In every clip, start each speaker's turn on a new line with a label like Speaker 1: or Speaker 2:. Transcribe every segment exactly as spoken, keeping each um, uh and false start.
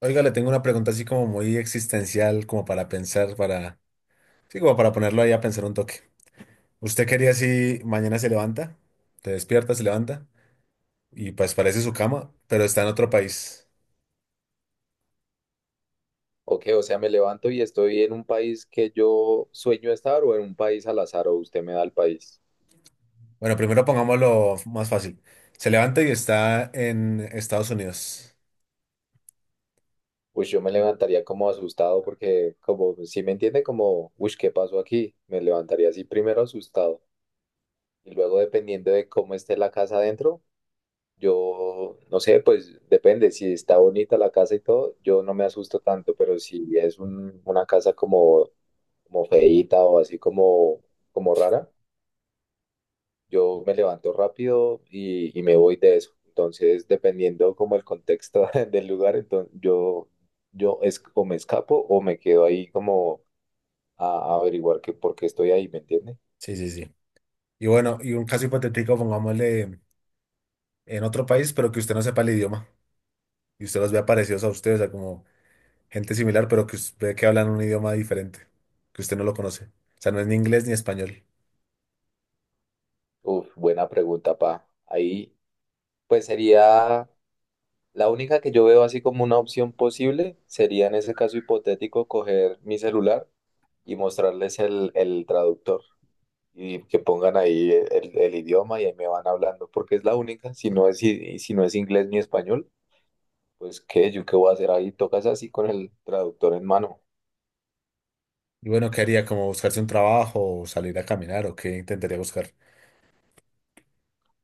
Speaker 1: Oiga, le tengo una pregunta así como muy existencial, como para pensar, para, sí, como para ponerlo ahí a pensar un toque. ¿Usted quería si mañana se levanta, te despierta, se levanta y pues parece su cama, pero está en otro país?
Speaker 2: Ok, o sea, me levanto y estoy en un país que yo sueño estar o en un país al azar o usted me da el país.
Speaker 1: Bueno, primero pongámoslo más fácil. Se levanta y está en Estados Unidos.
Speaker 2: Pues yo me levantaría como asustado porque como si me entiende como, uy, ¿qué pasó aquí? Me levantaría así primero asustado y luego dependiendo de cómo esté la casa adentro, yo no sé, pues depende, si está bonita la casa y todo, yo no me asusto tanto, pero si es un- una casa como, como, feíta o así como, como rara. Yo me levanto rápido y, y me voy de eso. Entonces, dependiendo como el contexto del lugar, entonces yo, yo es, o me escapo o me quedo ahí como a, a averiguar que por qué estoy ahí, ¿me entiende?
Speaker 1: Sí, sí, sí. Y bueno, y un caso hipotético, pongámosle en otro país, pero que usted no sepa el idioma y usted los vea parecidos a ustedes, o sea, como gente similar, pero que, us- ve que hablan un idioma diferente, que usted no lo conoce. O sea, no es ni inglés ni español.
Speaker 2: Uf, buena pregunta, pa. Ahí, pues sería la única que yo veo así como una opción posible, sería en ese caso hipotético coger mi celular y mostrarles el, el traductor. Y que pongan ahí el, el idioma y ahí me van hablando, porque es la única, si no es, i- si no es inglés ni español, pues qué, yo qué voy a hacer ahí, tocas así con el traductor en mano.
Speaker 1: Y bueno, ¿qué haría? ¿Como buscarse un trabajo o salir a caminar o qué intentaría buscar?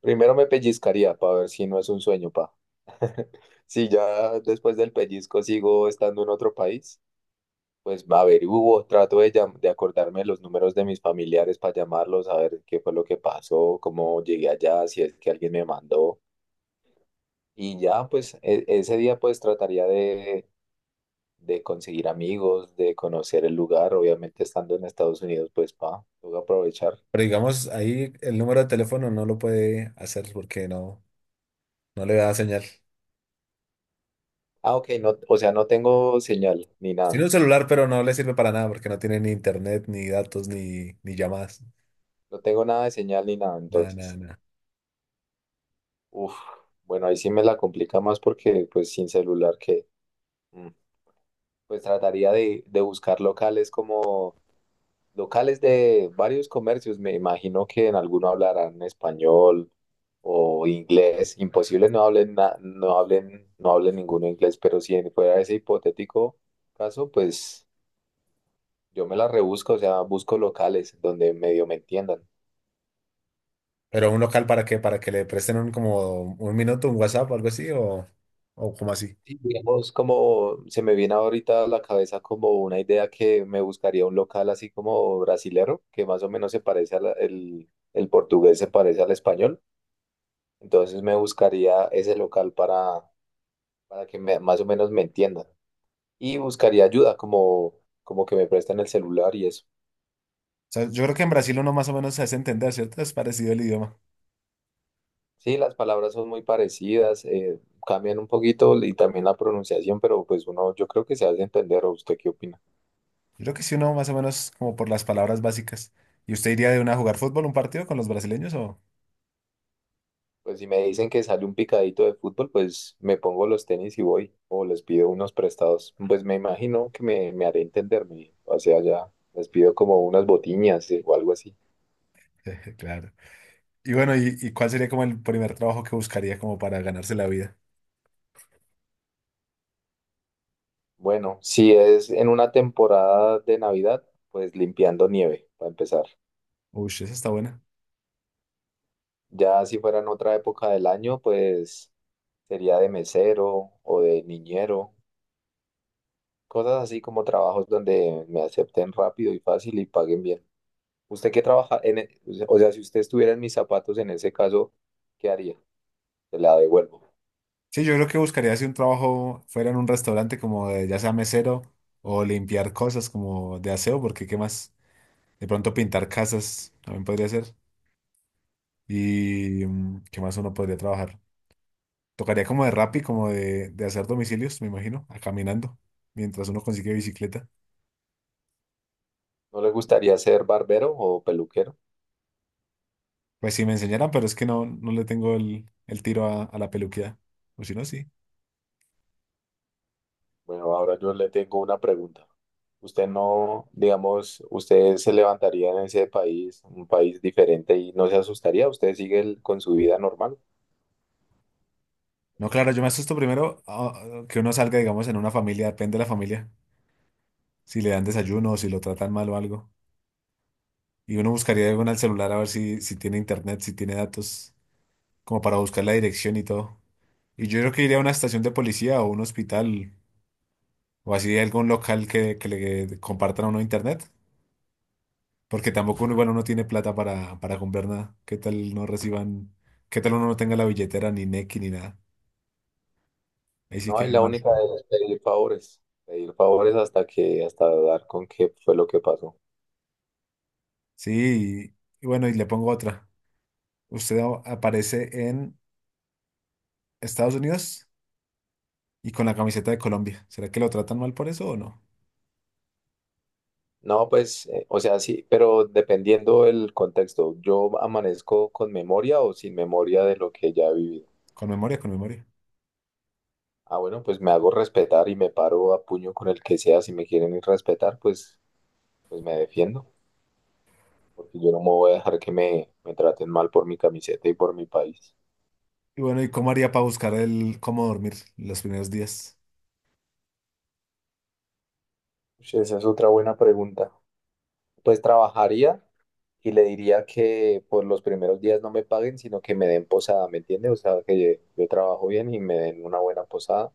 Speaker 2: Primero me pellizcaría para ver si no es un sueño, pa. Si ya después del pellizco sigo estando en otro país, pues a ver, hubo trato de, llam- de acordarme los números de mis familiares para llamarlos, a ver qué fue lo que pasó, cómo llegué allá, si es que alguien me mandó. Y ya, pues e- ese día pues trataría de de conseguir amigos, de conocer el lugar, obviamente estando en Estados Unidos, pues pa, tengo que aprovechar.
Speaker 1: Pero digamos, ahí el número de teléfono no lo puede hacer porque no, no le da señal.
Speaker 2: Ah, ok, no, o sea, no tengo señal ni
Speaker 1: Tiene
Speaker 2: nada,
Speaker 1: un celular, pero no le sirve para nada porque no tiene ni internet, ni datos, ni, ni llamadas.
Speaker 2: no tengo nada de señal ni nada,
Speaker 1: Nada, nada,
Speaker 2: entonces,
Speaker 1: nada.
Speaker 2: uf, bueno, ahí sí me la complica más porque pues sin celular que, mm, pues trataría de, de buscar locales como locales de varios comercios, me imagino que en alguno hablarán español o inglés. Imposible no hablen, na- no hablen, no hablen ninguno inglés, pero si fuera ese hipotético caso, pues yo me la rebusco, o sea, busco locales donde medio me entiendan.
Speaker 1: ¿Pero un local para qué? Para que le presten un, como un minuto, un WhatsApp o algo así, o, o como así.
Speaker 2: Sí, digamos, como se me viene ahorita a la cabeza como una idea que me buscaría un local así como brasilero, que más o menos se parece al el, el portugués, se parece al español. Entonces me buscaría ese local para para que me- más o menos me entiendan. Y buscaría ayuda, como, como, que me presten el celular y eso.
Speaker 1: O sea, yo creo que en Brasil uno más o menos se hace entender, ¿cierto? Es parecido el idioma.
Speaker 2: Sí, las palabras son muy parecidas, eh, cambian un poquito y también la pronunciación, pero pues uno, yo creo que se hace entender, ¿o usted qué opina?
Speaker 1: Yo creo que sí, uno más o menos como por las palabras básicas. ¿Y usted iría de una a jugar fútbol, un partido con los brasileños o...?
Speaker 2: Pues si me dicen que sale un picadito de fútbol, pues me pongo los tenis y voy, o les pido unos prestados. Pues me imagino que me, me haré entenderme, o sea, ya les pido como unas botiñas eh, o algo así.
Speaker 1: Claro. Y bueno, ¿y, y cuál sería como el primer trabajo que buscaría como para ganarse la vida?
Speaker 2: Bueno, si es en una temporada de Navidad, pues limpiando nieve, para empezar.
Speaker 1: Uy, esa está buena.
Speaker 2: Ya si fuera en otra época del año, pues sería de mesero o de niñero, cosas así como trabajos donde me acepten rápido y fácil y paguen bien. ¿Usted qué trabaja en, e- o sea, si usted estuviera en mis zapatos en ese caso, ¿qué haría? Se la devuelvo.
Speaker 1: Sí, yo creo que buscaría si un trabajo fuera en un restaurante como de, ya sea mesero o limpiar cosas como de aseo, porque qué más, de pronto pintar casas también podría ser. Y mm, qué más uno podría trabajar. Tocaría como de Rappi, como de, de hacer domicilios, me imagino, a caminando, mientras uno consigue bicicleta.
Speaker 2: ¿No le gustaría ser barbero o peluquero?
Speaker 1: Pues si me enseñaran, pero es que no, no le tengo el, el tiro a, a la peluquía. O si no, sí.
Speaker 2: Bueno, ahora yo le tengo una pregunta. ¿Usted no, digamos, usted se levantaría en ese país, un país diferente y no se asustaría? ¿Usted sigue el- con su vida normal?
Speaker 1: No, claro, yo me asusto primero ah, ah, que uno salga, digamos, en una familia, depende de la familia. Si le dan desayuno o si lo tratan mal o algo. Y uno buscaría algo en el celular a ver si, si tiene internet, si tiene datos, como para buscar la dirección y todo. Y yo creo que iría a una estación de policía o un hospital o así algún local que, que le compartan a uno internet. Porque tampoco uno, igual uno tiene plata para, para comprar nada. ¿Qué tal no reciban? ¿Qué tal uno no tenga la billetera ni Nequi ni nada? Ahí sí
Speaker 2: No, es
Speaker 1: queda
Speaker 2: la
Speaker 1: mal.
Speaker 2: única de pedir favores, pedir favores hasta que, hasta dar con qué fue lo que pasó.
Speaker 1: Sí, y, y bueno, y le pongo otra. Usted a- aparece en Estados Unidos y con la camiseta de Colombia. ¿Será que lo tratan mal por eso o no?
Speaker 2: No, pues, eh, o sea, sí, pero dependiendo del contexto, ¿yo amanezco con memoria o sin memoria de lo que ya he vivido?
Speaker 1: Con memoria, con memoria.
Speaker 2: Ah, bueno, pues me hago respetar y me paro a puño con el que sea. Si me quieren ir respetar, pues, pues me defiendo, porque yo no me voy a dejar que me, me, traten mal por mi camiseta y por mi país.
Speaker 1: Y bueno, ¿y cómo haría para buscar el cómo dormir los primeros días?
Speaker 2: Ush, esa es otra buena pregunta. Pues trabajaría y le diría que por los primeros días no me paguen, sino que me den posada, ¿me entiende? O sea, que yo, yo trabajo bien y me den una buena posada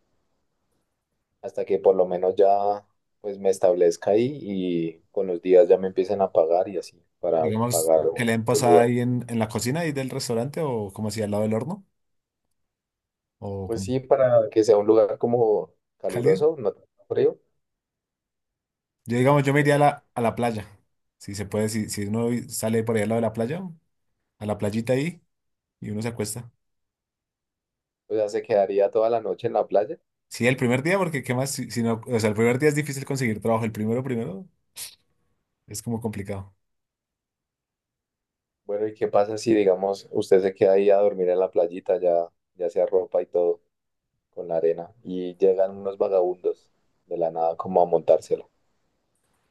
Speaker 2: hasta que por lo menos ya pues me establezca ahí y con los días ya me empiecen a pagar y así para
Speaker 1: Digamos,
Speaker 2: pagar
Speaker 1: que
Speaker 2: un,
Speaker 1: le den
Speaker 2: un
Speaker 1: posada
Speaker 2: lugar.
Speaker 1: ahí en, en la cocina ahí del restaurante o como así al lado del horno o
Speaker 2: Pues
Speaker 1: como
Speaker 2: sí, para que sea un lugar como
Speaker 1: cálido.
Speaker 2: caluroso, no tan frío,
Speaker 1: Yo, digamos, yo me iría
Speaker 2: pues
Speaker 1: a
Speaker 2: sí.
Speaker 1: la, a la playa. Si se puede, si, si uno sale por ahí al lado de la playa, a la playita ahí, y uno se acuesta.
Speaker 2: O sea, se quedaría toda la noche en la playa.
Speaker 1: Sí, el primer día, porque qué más, si, si no, o sea, el primer día es difícil conseguir trabajo, el primero, primero, es como complicado.
Speaker 2: Bueno, ¿y qué pasa si, digamos, usted se queda ahí a dormir en la playita, ya, ya se arropa y todo con la arena y llegan unos vagabundos de la nada como a montársela?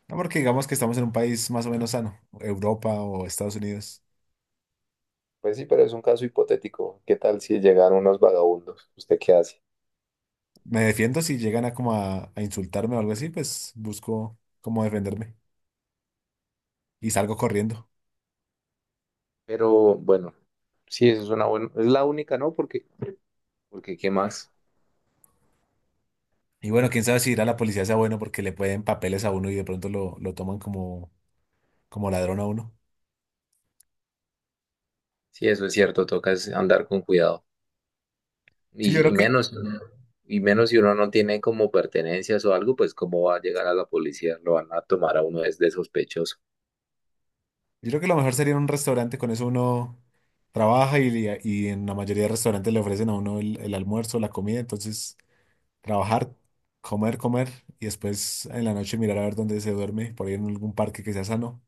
Speaker 1: No, porque digamos que estamos en un país más o menos sano, Europa o Estados Unidos.
Speaker 2: Pues sí, pero es un caso hipotético. ¿Qué tal si llegan unos vagabundos? ¿Usted qué hace?
Speaker 1: Me defiendo si llegan a como a, a insultarme o algo así, pues busco cómo defenderme y salgo corriendo.
Speaker 2: Pero bueno, sí, eso es una buena, es la única, ¿no? Porque, porque ¿qué más?
Speaker 1: Y bueno, quién sabe si ir a la policía sea bueno porque le pueden papeles a uno y de pronto lo, lo toman como, como ladrón a uno.
Speaker 2: Sí, eso es cierto, toca es andar con cuidado.
Speaker 1: Sí, yo
Speaker 2: Y,
Speaker 1: creo
Speaker 2: y
Speaker 1: que
Speaker 2: menos, y menos si uno no tiene como pertenencias o algo, pues cómo va a llegar a la policía, lo van a tomar a uno es de sospechoso.
Speaker 1: yo creo que lo mejor sería un restaurante, con eso uno trabaja y, y en la mayoría de restaurantes le ofrecen a uno el, el almuerzo, la comida, entonces trabajar, comer, comer y después en la noche mirar a ver dónde se duerme, por ahí en algún parque que sea sano,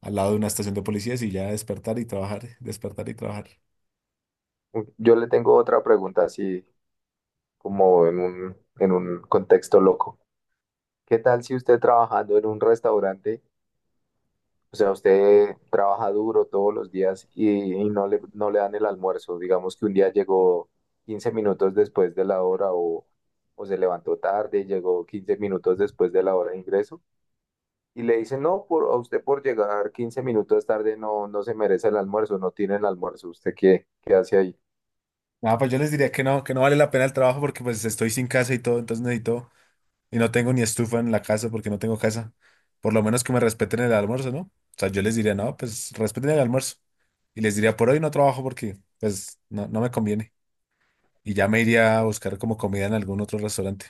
Speaker 1: al lado de una estación de policías y ya despertar y trabajar, despertar y trabajar.
Speaker 2: Yo le tengo otra pregunta así, como en un, en un contexto loco. ¿Qué tal si usted trabajando en un restaurante, o sea, usted trabaja duro todos los días y, y no le, no le, dan el almuerzo? Digamos que un día llegó quince minutos después de la hora o, o se levantó tarde, y llegó quince minutos después de la hora de ingreso y le dicen, no, por, a usted por llegar quince minutos tarde no, no se merece el almuerzo, no tiene el almuerzo, ¿usted qué, qué hace ahí?
Speaker 1: Nada, pues yo les diría que no, que no vale la pena el trabajo porque pues estoy sin casa y todo, entonces necesito. Y no tengo ni estufa en la casa porque no tengo casa. Por lo menos que me respeten el almuerzo, ¿no? O sea, yo les diría, no, pues respeten el almuerzo. Y les diría, por hoy no trabajo porque, pues, no, no me conviene. Y ya me iría a buscar como comida en algún otro restaurante.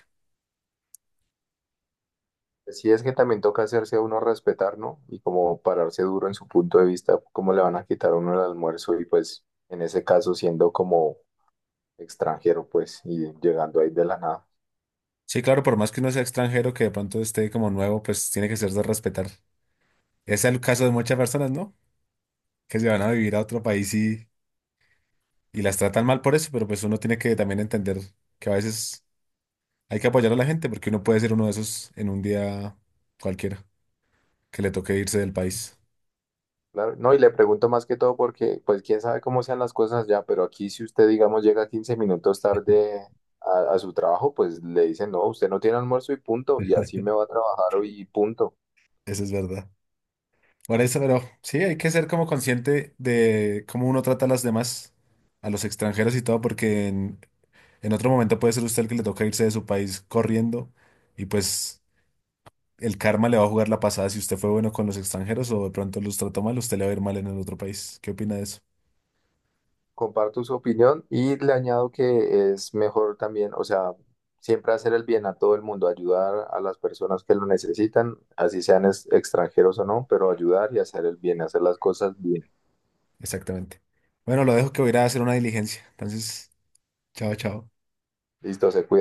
Speaker 2: Sí, es que también toca hacerse a uno respetar, ¿no? Y como pararse duro en su punto de vista, cómo le van a quitar a uno el almuerzo y pues en ese caso siendo como extranjero, pues, y llegando ahí de la nada.
Speaker 1: Sí, claro, por más que uno sea extranjero, que de pronto esté como nuevo, pues tiene que ser de respetar. Es el caso de muchas personas, ¿no? Que se van a vivir a otro país y, y las tratan mal por eso, pero pues uno tiene que también entender que a veces hay que apoyar a la gente porque uno puede ser uno de esos en un día cualquiera. Que le toque irse del país.
Speaker 2: Claro, no, y le pregunto más que todo porque pues quién sabe cómo sean las cosas ya, pero aquí si usted, digamos, llega quince minutos tarde a, a su trabajo, pues le dicen, no, usted no tiene almuerzo y punto, y así me va a trabajar hoy y punto.
Speaker 1: Eso es verdad. Por eso, pero sí, hay que ser como consciente de cómo uno trata a las demás, a los extranjeros y todo, porque en, en otro momento puede ser usted el que le toca irse de su país corriendo y pues el karma le va a jugar la pasada si usted fue bueno con los extranjeros o de pronto los trató mal, usted le va a ir mal en el otro país. ¿Qué opina de eso?
Speaker 2: Comparto su opinión y le añado que es mejor también, o sea, siempre hacer el bien a todo el mundo, ayudar a las personas que lo necesitan, así sean es- extranjeros o no, pero ayudar y hacer el bien, hacer las cosas bien.
Speaker 1: Exactamente. Bueno, lo dejo que voy a ir a hacer una diligencia. Entonces, chao, chao.
Speaker 2: Listo, se cuida.